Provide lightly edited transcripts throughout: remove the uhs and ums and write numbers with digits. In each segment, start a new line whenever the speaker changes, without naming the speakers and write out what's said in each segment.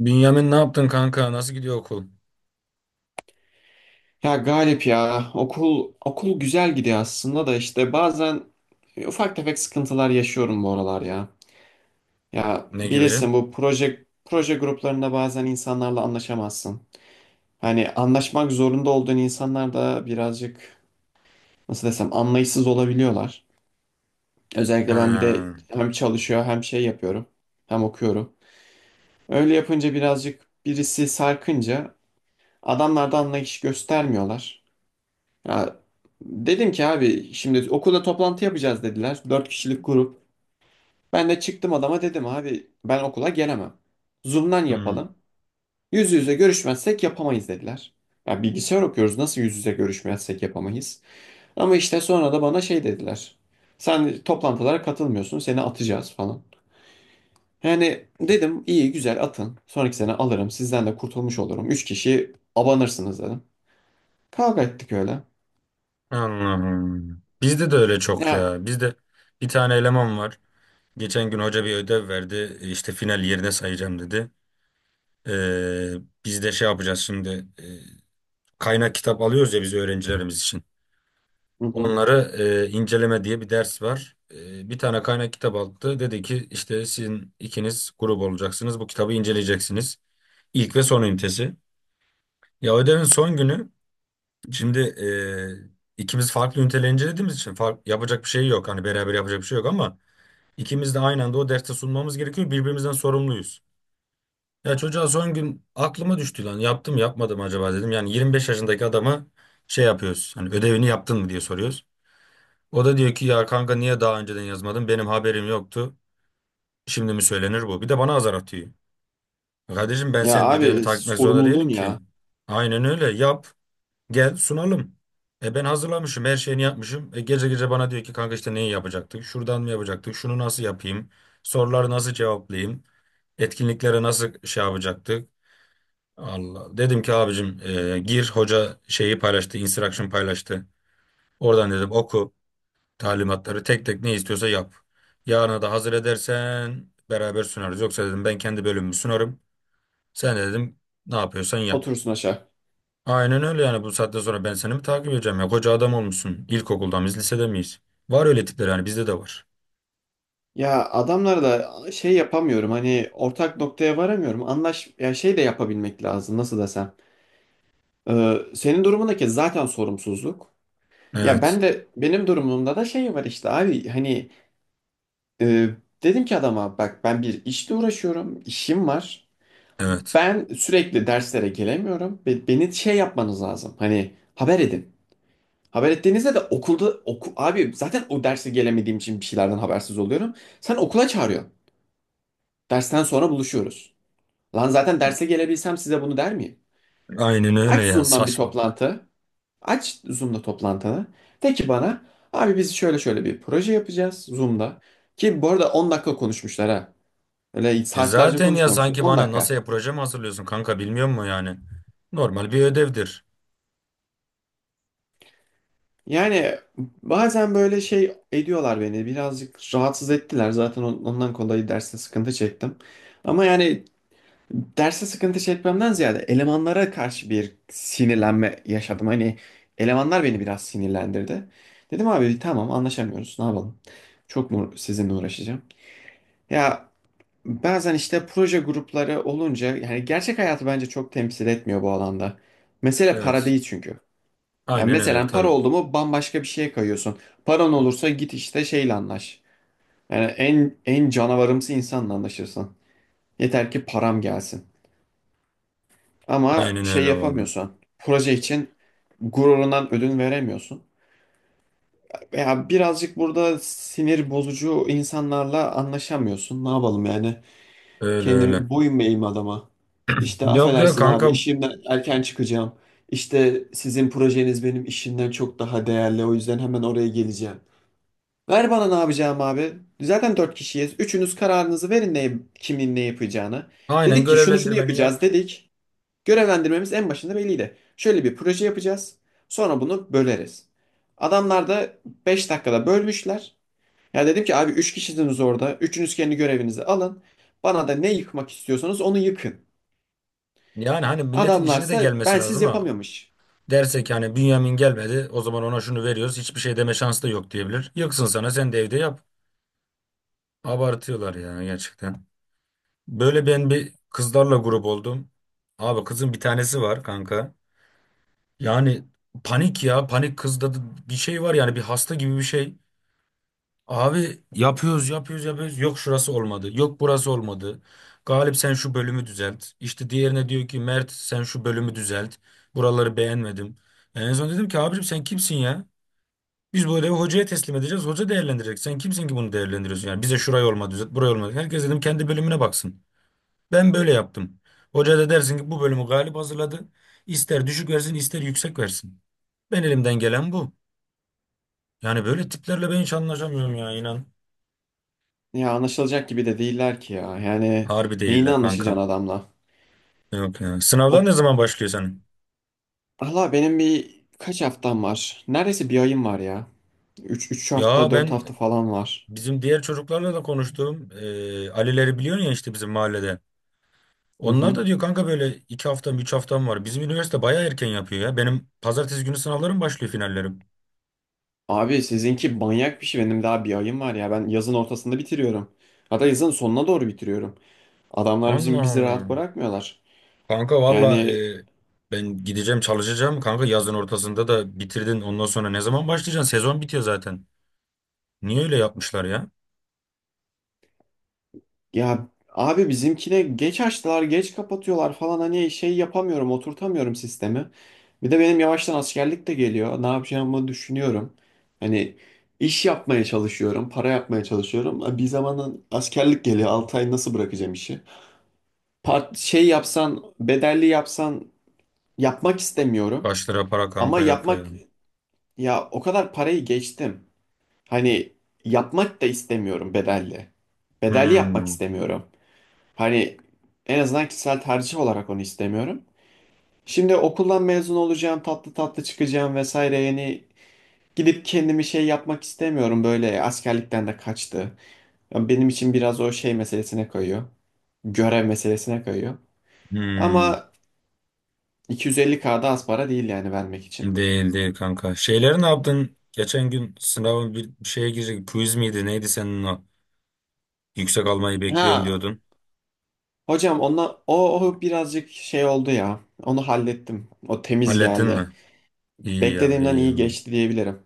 Bünyamin ne yaptın kanka? Nasıl gidiyor okul?
Ya Galip, ya okul güzel gidiyor aslında da işte bazen ufak tefek sıkıntılar yaşıyorum bu aralar ya. Ya
Ne gibi?
bilirsin, bu proje gruplarında bazen insanlarla anlaşamazsın. Hani anlaşmak zorunda olduğun insanlar da birazcık, nasıl desem, anlayışsız olabiliyorlar. Özellikle ben bir de
Ha.
hem çalışıyor hem şey yapıyorum hem okuyorum. Öyle yapınca birazcık birisi sarkınca adamlar da anlayış göstermiyorlar. Ya dedim ki abi şimdi okulda toplantı yapacağız dediler. Dört kişilik grup. Ben de çıktım adama dedim abi ben okula gelemem. Zoom'dan
Hmm.
yapalım. Yüz yüze görüşmezsek yapamayız dediler. Ya bilgisayar okuyoruz, nasıl yüz yüze görüşmezsek yapamayız? Ama işte sonra da bana şey dediler. Sen toplantılara katılmıyorsun, seni atacağız falan. Yani dedim iyi güzel atın. Sonraki sene alırım, sizden de kurtulmuş olurum. Üç kişi abanırsınız dedim. Kavga ettik öyle.
Anladım. Bizde de öyle çok
Ya,
ya. Bizde bir tane eleman var. Geçen gün hoca bir ödev verdi. İşte final yerine sayacağım dedi. Ee, Biz de şey yapacağız şimdi. Kaynak kitap alıyoruz ya biz öğrencilerimiz için.
hı hı.
Onları inceleme diye bir ders var. Bir tane kaynak kitap aldı. Dedi ki işte sizin ikiniz grup olacaksınız. Bu kitabı inceleyeceksiniz. İlk ve son ünitesi. Ya ödevin son günü. Şimdi ikimiz farklı üniteler incelediğimiz için yapacak bir şey yok. Hani beraber yapacak bir şey yok ama ikimiz de aynı anda o derste sunmamız gerekiyor. Birbirimizden sorumluyuz. Ya çocuğa son gün aklıma düştü lan. Yaptım yapmadım acaba dedim. Yani 25 yaşındaki adama şey yapıyoruz. Hani ödevini yaptın mı diye soruyoruz. O da diyor ki ya kanka niye daha önceden yazmadın? Benim haberim yoktu. Şimdi mi söylenir bu? Bir de bana azar atıyor. Kardeşim ben
Ya
senin ödevini
abi
takip etmek zorunda
sorumluluğun
değilim ki.
ya.
Aynen öyle yap. Gel sunalım. Ben hazırlamışım, her şeyini yapmışım. Gece gece bana diyor ki kanka işte neyi yapacaktık? Şuradan mı yapacaktık? Şunu nasıl yapayım? Soruları nasıl cevaplayayım? Etkinliklere nasıl şey yapacaktık? Allah. Dedim ki abicim gir hoca şeyi paylaştı, instruction paylaştı. Oradan dedim oku talimatları tek tek ne istiyorsa yap. Yarına da hazır edersen beraber sunarız. Yoksa dedim ben kendi bölümümü sunarım. Sen de dedim ne yapıyorsan yap.
Oturursun aşağı.
Aynen öyle yani bu saatten sonra ben seni mi takip edeceğim ya? Koca adam olmuşsun. İlkokulda mıyız, lisede miyiz? Var öyle tipler yani bizde de var.
Ya adamlar da şey yapamıyorum, hani ortak noktaya varamıyorum. Anlaş ya, şey de yapabilmek lazım, nasıl desem. Senin durumundaki zaten sorumsuzluk. Ya
Evet,
ben de, benim durumumda da şey var işte abi, hani, e, dedim ki adama bak ben bir işle uğraşıyorum, işim var.
evet.
Ben sürekli derslere gelemiyorum. Beni şey yapmanız lazım. Hani haber edin. Haber ettiğinizde de okulda oku, abi zaten o derse gelemediğim için bir şeylerden habersiz oluyorum. Sen okula çağırıyorsun. Dersten sonra buluşuyoruz. Lan zaten derse gelebilsem size bunu der miyim?
Aynen öyle
Aç
ya
Zoom'dan bir
saçmalık.
toplantı. Aç Zoom'da toplantını. De ki bana abi biz şöyle şöyle bir proje yapacağız Zoom'da. Ki bu arada 10 dakika konuşmuşlar ha. Öyle
E
saatlerce
zaten ya
konuşmamışlar.
sanki
on
bana
dakika.
NASA'ya proje mi hazırlıyorsun kanka bilmiyor musun yani? Normal bir ödevdir.
Yani bazen böyle şey ediyorlar beni. Birazcık rahatsız ettiler. Zaten ondan kolay derste sıkıntı çektim. Ama yani derse sıkıntı çekmemden ziyade elemanlara karşı bir sinirlenme yaşadım. Hani elemanlar beni biraz sinirlendirdi. Dedim abi tamam, anlaşamıyoruz, ne yapalım. Çok mu sizinle uğraşacağım? Ya bazen işte proje grupları olunca yani gerçek hayatı bence çok temsil etmiyor bu alanda. Mesele para
Evet.
değil çünkü. Yani
Aynen öyle
mesela para
tabii.
oldu mu bambaşka bir şeye kayıyorsun. Paran olursa git işte şeyle anlaş. Yani en canavarımsı insanla anlaşırsın. Yeter ki param gelsin. Ama
Aynen
şey
öyle vallahi.
yapamıyorsun. Proje için gururundan ödün veremiyorsun. Veya birazcık burada sinir bozucu insanlarla anlaşamıyorsun. Ne yapalım yani?
Öyle öyle.
Kendi boyun eğeyim adama? İşte
Yok ya
affedersin
kanka,
abi, işimden erken çıkacağım. İşte sizin projeniz benim işimden çok daha değerli. O yüzden hemen oraya geleceğim. Ver bana ne yapacağım abi. Zaten dört kişiyiz. Üçünüz kararınızı verin ne, kimin ne yapacağını.
aynen
Dedik ki şunu şunu
görevlendirmeni yap.
yapacağız dedik. Görevlendirmemiz en başında belliydi. Şöyle bir proje yapacağız. Sonra bunu böleriz. Adamlar da 5 dakikada bölmüşler. Ya dedim ki abi 3 kişisiniz orada. Üçünüz kendi görevinizi alın. Bana da ne yıkmak istiyorsanız onu yıkın.
Yani hani milletin işine de
Adamlarsa
gelmesi
bensiz
lazım ha.
yapamıyormuş.
Derse ki hani Bünyamin gelmedi o zaman ona şunu veriyoruz, hiçbir şey deme şansı da yok diyebilir. Yıksın sana, sen de evde yap. Abartıyorlar ya gerçekten. Böyle ben bir kızlarla grup oldum. Abi kızın bir tanesi var kanka. Yani panik ya, panik kızda da bir şey var yani, bir hasta gibi bir şey. Abi yapıyoruz yapıyoruz yapıyoruz, yok şurası olmadı yok burası olmadı. Galip sen şu bölümü düzelt. İşte diğerine diyor ki Mert sen şu bölümü düzelt. Buraları beğenmedim. En son dedim ki abicim sen kimsin ya? Biz bu ödevi hocaya teslim edeceğiz. Hoca değerlendirecek. Sen kimsin ki bunu değerlendiriyorsun? Yani bize şurayı olmadı düzelt, burayı olmadı. Herkes dedim kendi bölümüne baksın. Ben böyle yaptım. Hoca da dersin ki bu bölümü Galip hazırladı. İster düşük versin, ister yüksek versin. Ben elimden gelen bu. Yani böyle tiplerle ben hiç anlaşamıyorum ya, inan.
Ya anlaşılacak gibi de değiller ki ya. Yani
Harbi
neyini
değiller kanka.
anlaşacaksın adamla?
Yok ya.
O,
Sınavlar ne zaman başlıyor senin?
Allah, benim bir kaç haftam var? Neredeyse bir ayım var ya. Üç hafta,
Ya
4
ben
hafta falan var.
bizim diğer çocuklarla da konuştum. Ali'leri biliyorsun ya, işte bizim mahallede. Onlar da
Mhm.
diyor kanka böyle 2 haftam 3 haftam var. Bizim üniversite baya erken yapıyor ya. Benim pazartesi günü sınavlarım başlıyor, finallerim.
Abi sizinki manyak bir şey. Benim daha bir ayım var ya. Ben yazın ortasında bitiriyorum. Hatta yazın sonuna doğru bitiriyorum. Adamlar bizim
Allah
bizi rahat
Allah.
bırakmıyorlar.
Kanka valla
Yani
ben gideceğim çalışacağım. Kanka yazın ortasında da bitirdin. Ondan sonra ne zaman başlayacaksın? Sezon bitiyor zaten. Niye öyle yapmışlar ya?
ya abi bizimkine geç açtılar, geç kapatıyorlar falan, hani şey yapamıyorum, oturtamıyorum sistemi. Bir de benim yavaştan askerlik de geliyor. Ne yapacağımı düşünüyorum. Hani iş yapmaya çalışıyorum, para yapmaya çalışıyorum. E, bir zamanın askerlik geliyor. 6 ay nasıl bırakacağım işi? Part şey yapsan, bedelli yapsan, yapmak istemiyorum.
Başlara para
Ama
kanka yok ya.
yapmak, ya o kadar parayı geçtim. Hani yapmak da istemiyorum bedelli. Bedelli yapmak
Hmm.
istemiyorum. Hani en azından kişisel tercih olarak onu istemiyorum. Şimdi okuldan mezun olacağım, tatlı tatlı çıkacağım vesaire. Yani gidip kendimi şey yapmak istemiyorum, böyle askerlikten de kaçtı. Ya benim için biraz o şey meselesine kayıyor. Görev meselesine kayıyor.
Hmm.
Ama 250K'da az para değil yani vermek için.
Değil değil kanka. Şeyleri ne yaptın? Geçen gün sınavın bir şeye girecek. Quiz miydi? Neydi senin o? Yüksek almayı bekliyorum
Ha
diyordun.
hocam, ona o, birazcık şey oldu ya. Onu hallettim. O temiz
Hallettin
geldi.
mi? İyi ya,
Beklediğimden
iyi ya.
iyi geçti diyebilirim.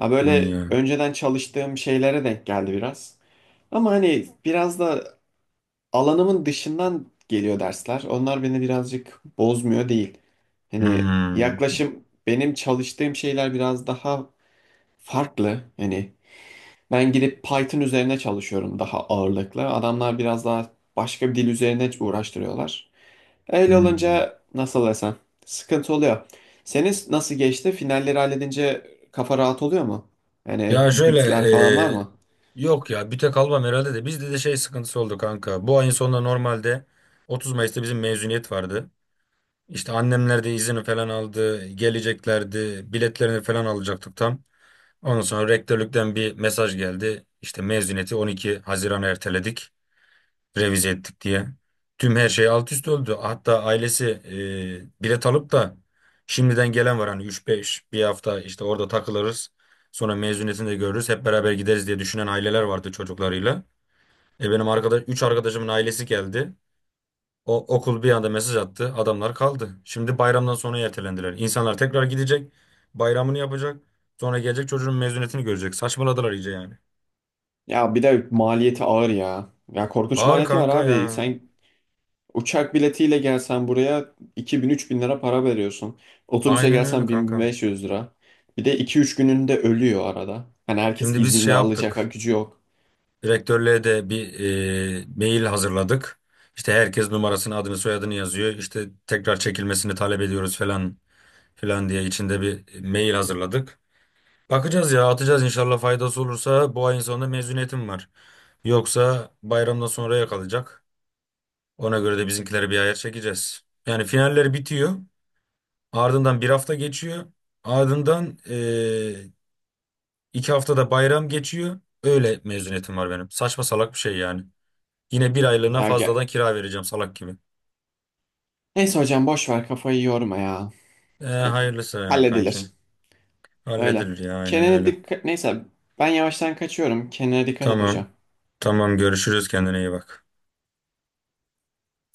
Ya böyle
Ya.
önceden çalıştığım şeylere denk geldi biraz. Ama hani biraz da alanımın dışından geliyor dersler. Onlar beni birazcık bozmuyor değil. Hani
Hmm.
yaklaşım, benim çalıştığım şeyler biraz daha farklı. Hani ben gidip Python üzerine çalışıyorum daha ağırlıklı. Adamlar biraz daha başka bir dil üzerine uğraştırıyorlar. Öyle
Hmm.
olunca, nasıl desem, sıkıntı oluyor. Senin nasıl geçti? Finalleri halledince kafa rahat oluyor mu? Yani
Ya şöyle
bütler falan var
e,
mı?
yok ya, bir tek almam herhalde, de bizde de şey sıkıntısı oldu kanka. Bu ayın sonunda normalde 30 Mayıs'ta bizim mezuniyet vardı. İşte annemler de izini falan aldı. Geleceklerdi. Biletlerini falan alacaktık tam. Ondan sonra rektörlükten bir mesaj geldi. İşte mezuniyeti 12 Haziran'a erteledik, revize ettik diye. Tüm her şey alt üst oldu. Hatta ailesi bilet alıp da şimdiden gelen var. Hani üç beş bir hafta işte orada takılırız. Sonra mezuniyetini de görürüz. Hep beraber gideriz diye düşünen aileler vardı çocuklarıyla. Üç arkadaşımın ailesi geldi. O okul bir anda mesaj attı. Adamlar kaldı. Şimdi bayramdan sonra ertelendiler. İnsanlar tekrar gidecek. Bayramını yapacak. Sonra gelecek çocuğun mezuniyetini görecek. Saçmaladılar iyice yani.
Ya bir de maliyeti ağır ya. Ya korkunç
Ağır
maliyeti var
kanka
abi.
ya.
Sen uçak biletiyle gelsen buraya 2000 bin lira para veriyorsun. Otobüse
Aynen öyle
gelsen
kanka.
1500 lira. Bir de iki üç gününde ölüyor arada. Hani herkes
Şimdi biz şey
izinde alacak ha,
yaptık.
gücü yok.
Direktörlüğe de bir mail hazırladık. İşte herkes numarasını, adını, soyadını yazıyor. İşte tekrar çekilmesini talep ediyoruz falan filan diye içinde bir mail hazırladık. Bakacağız ya, atacağız, inşallah faydası olursa bu ayın sonunda mezuniyetim var. Yoksa bayramdan sonraya kalacak. Ona göre de bizimkileri bir ayar çekeceğiz. Yani finaller bitiyor. Ardından bir hafta geçiyor. Ardından 2 haftada bayram geçiyor. Öyle mezuniyetim var benim. Saçma salak bir şey yani. Yine bir aylığına
Ya gel.
fazladan kira vereceğim salak gibi.
Neyse hocam boş ver, kafayı yorma ya.
E,
Ya,
hayırlısı ya kanki.
halledilir. Öyle.
Halledilir ya, aynen
Kenan'a
öyle.
dikkat... Neyse ben yavaştan kaçıyorum. Kenan'a dikkat et
Tamam.
hocam.
Tamam, görüşürüz, kendine iyi bak.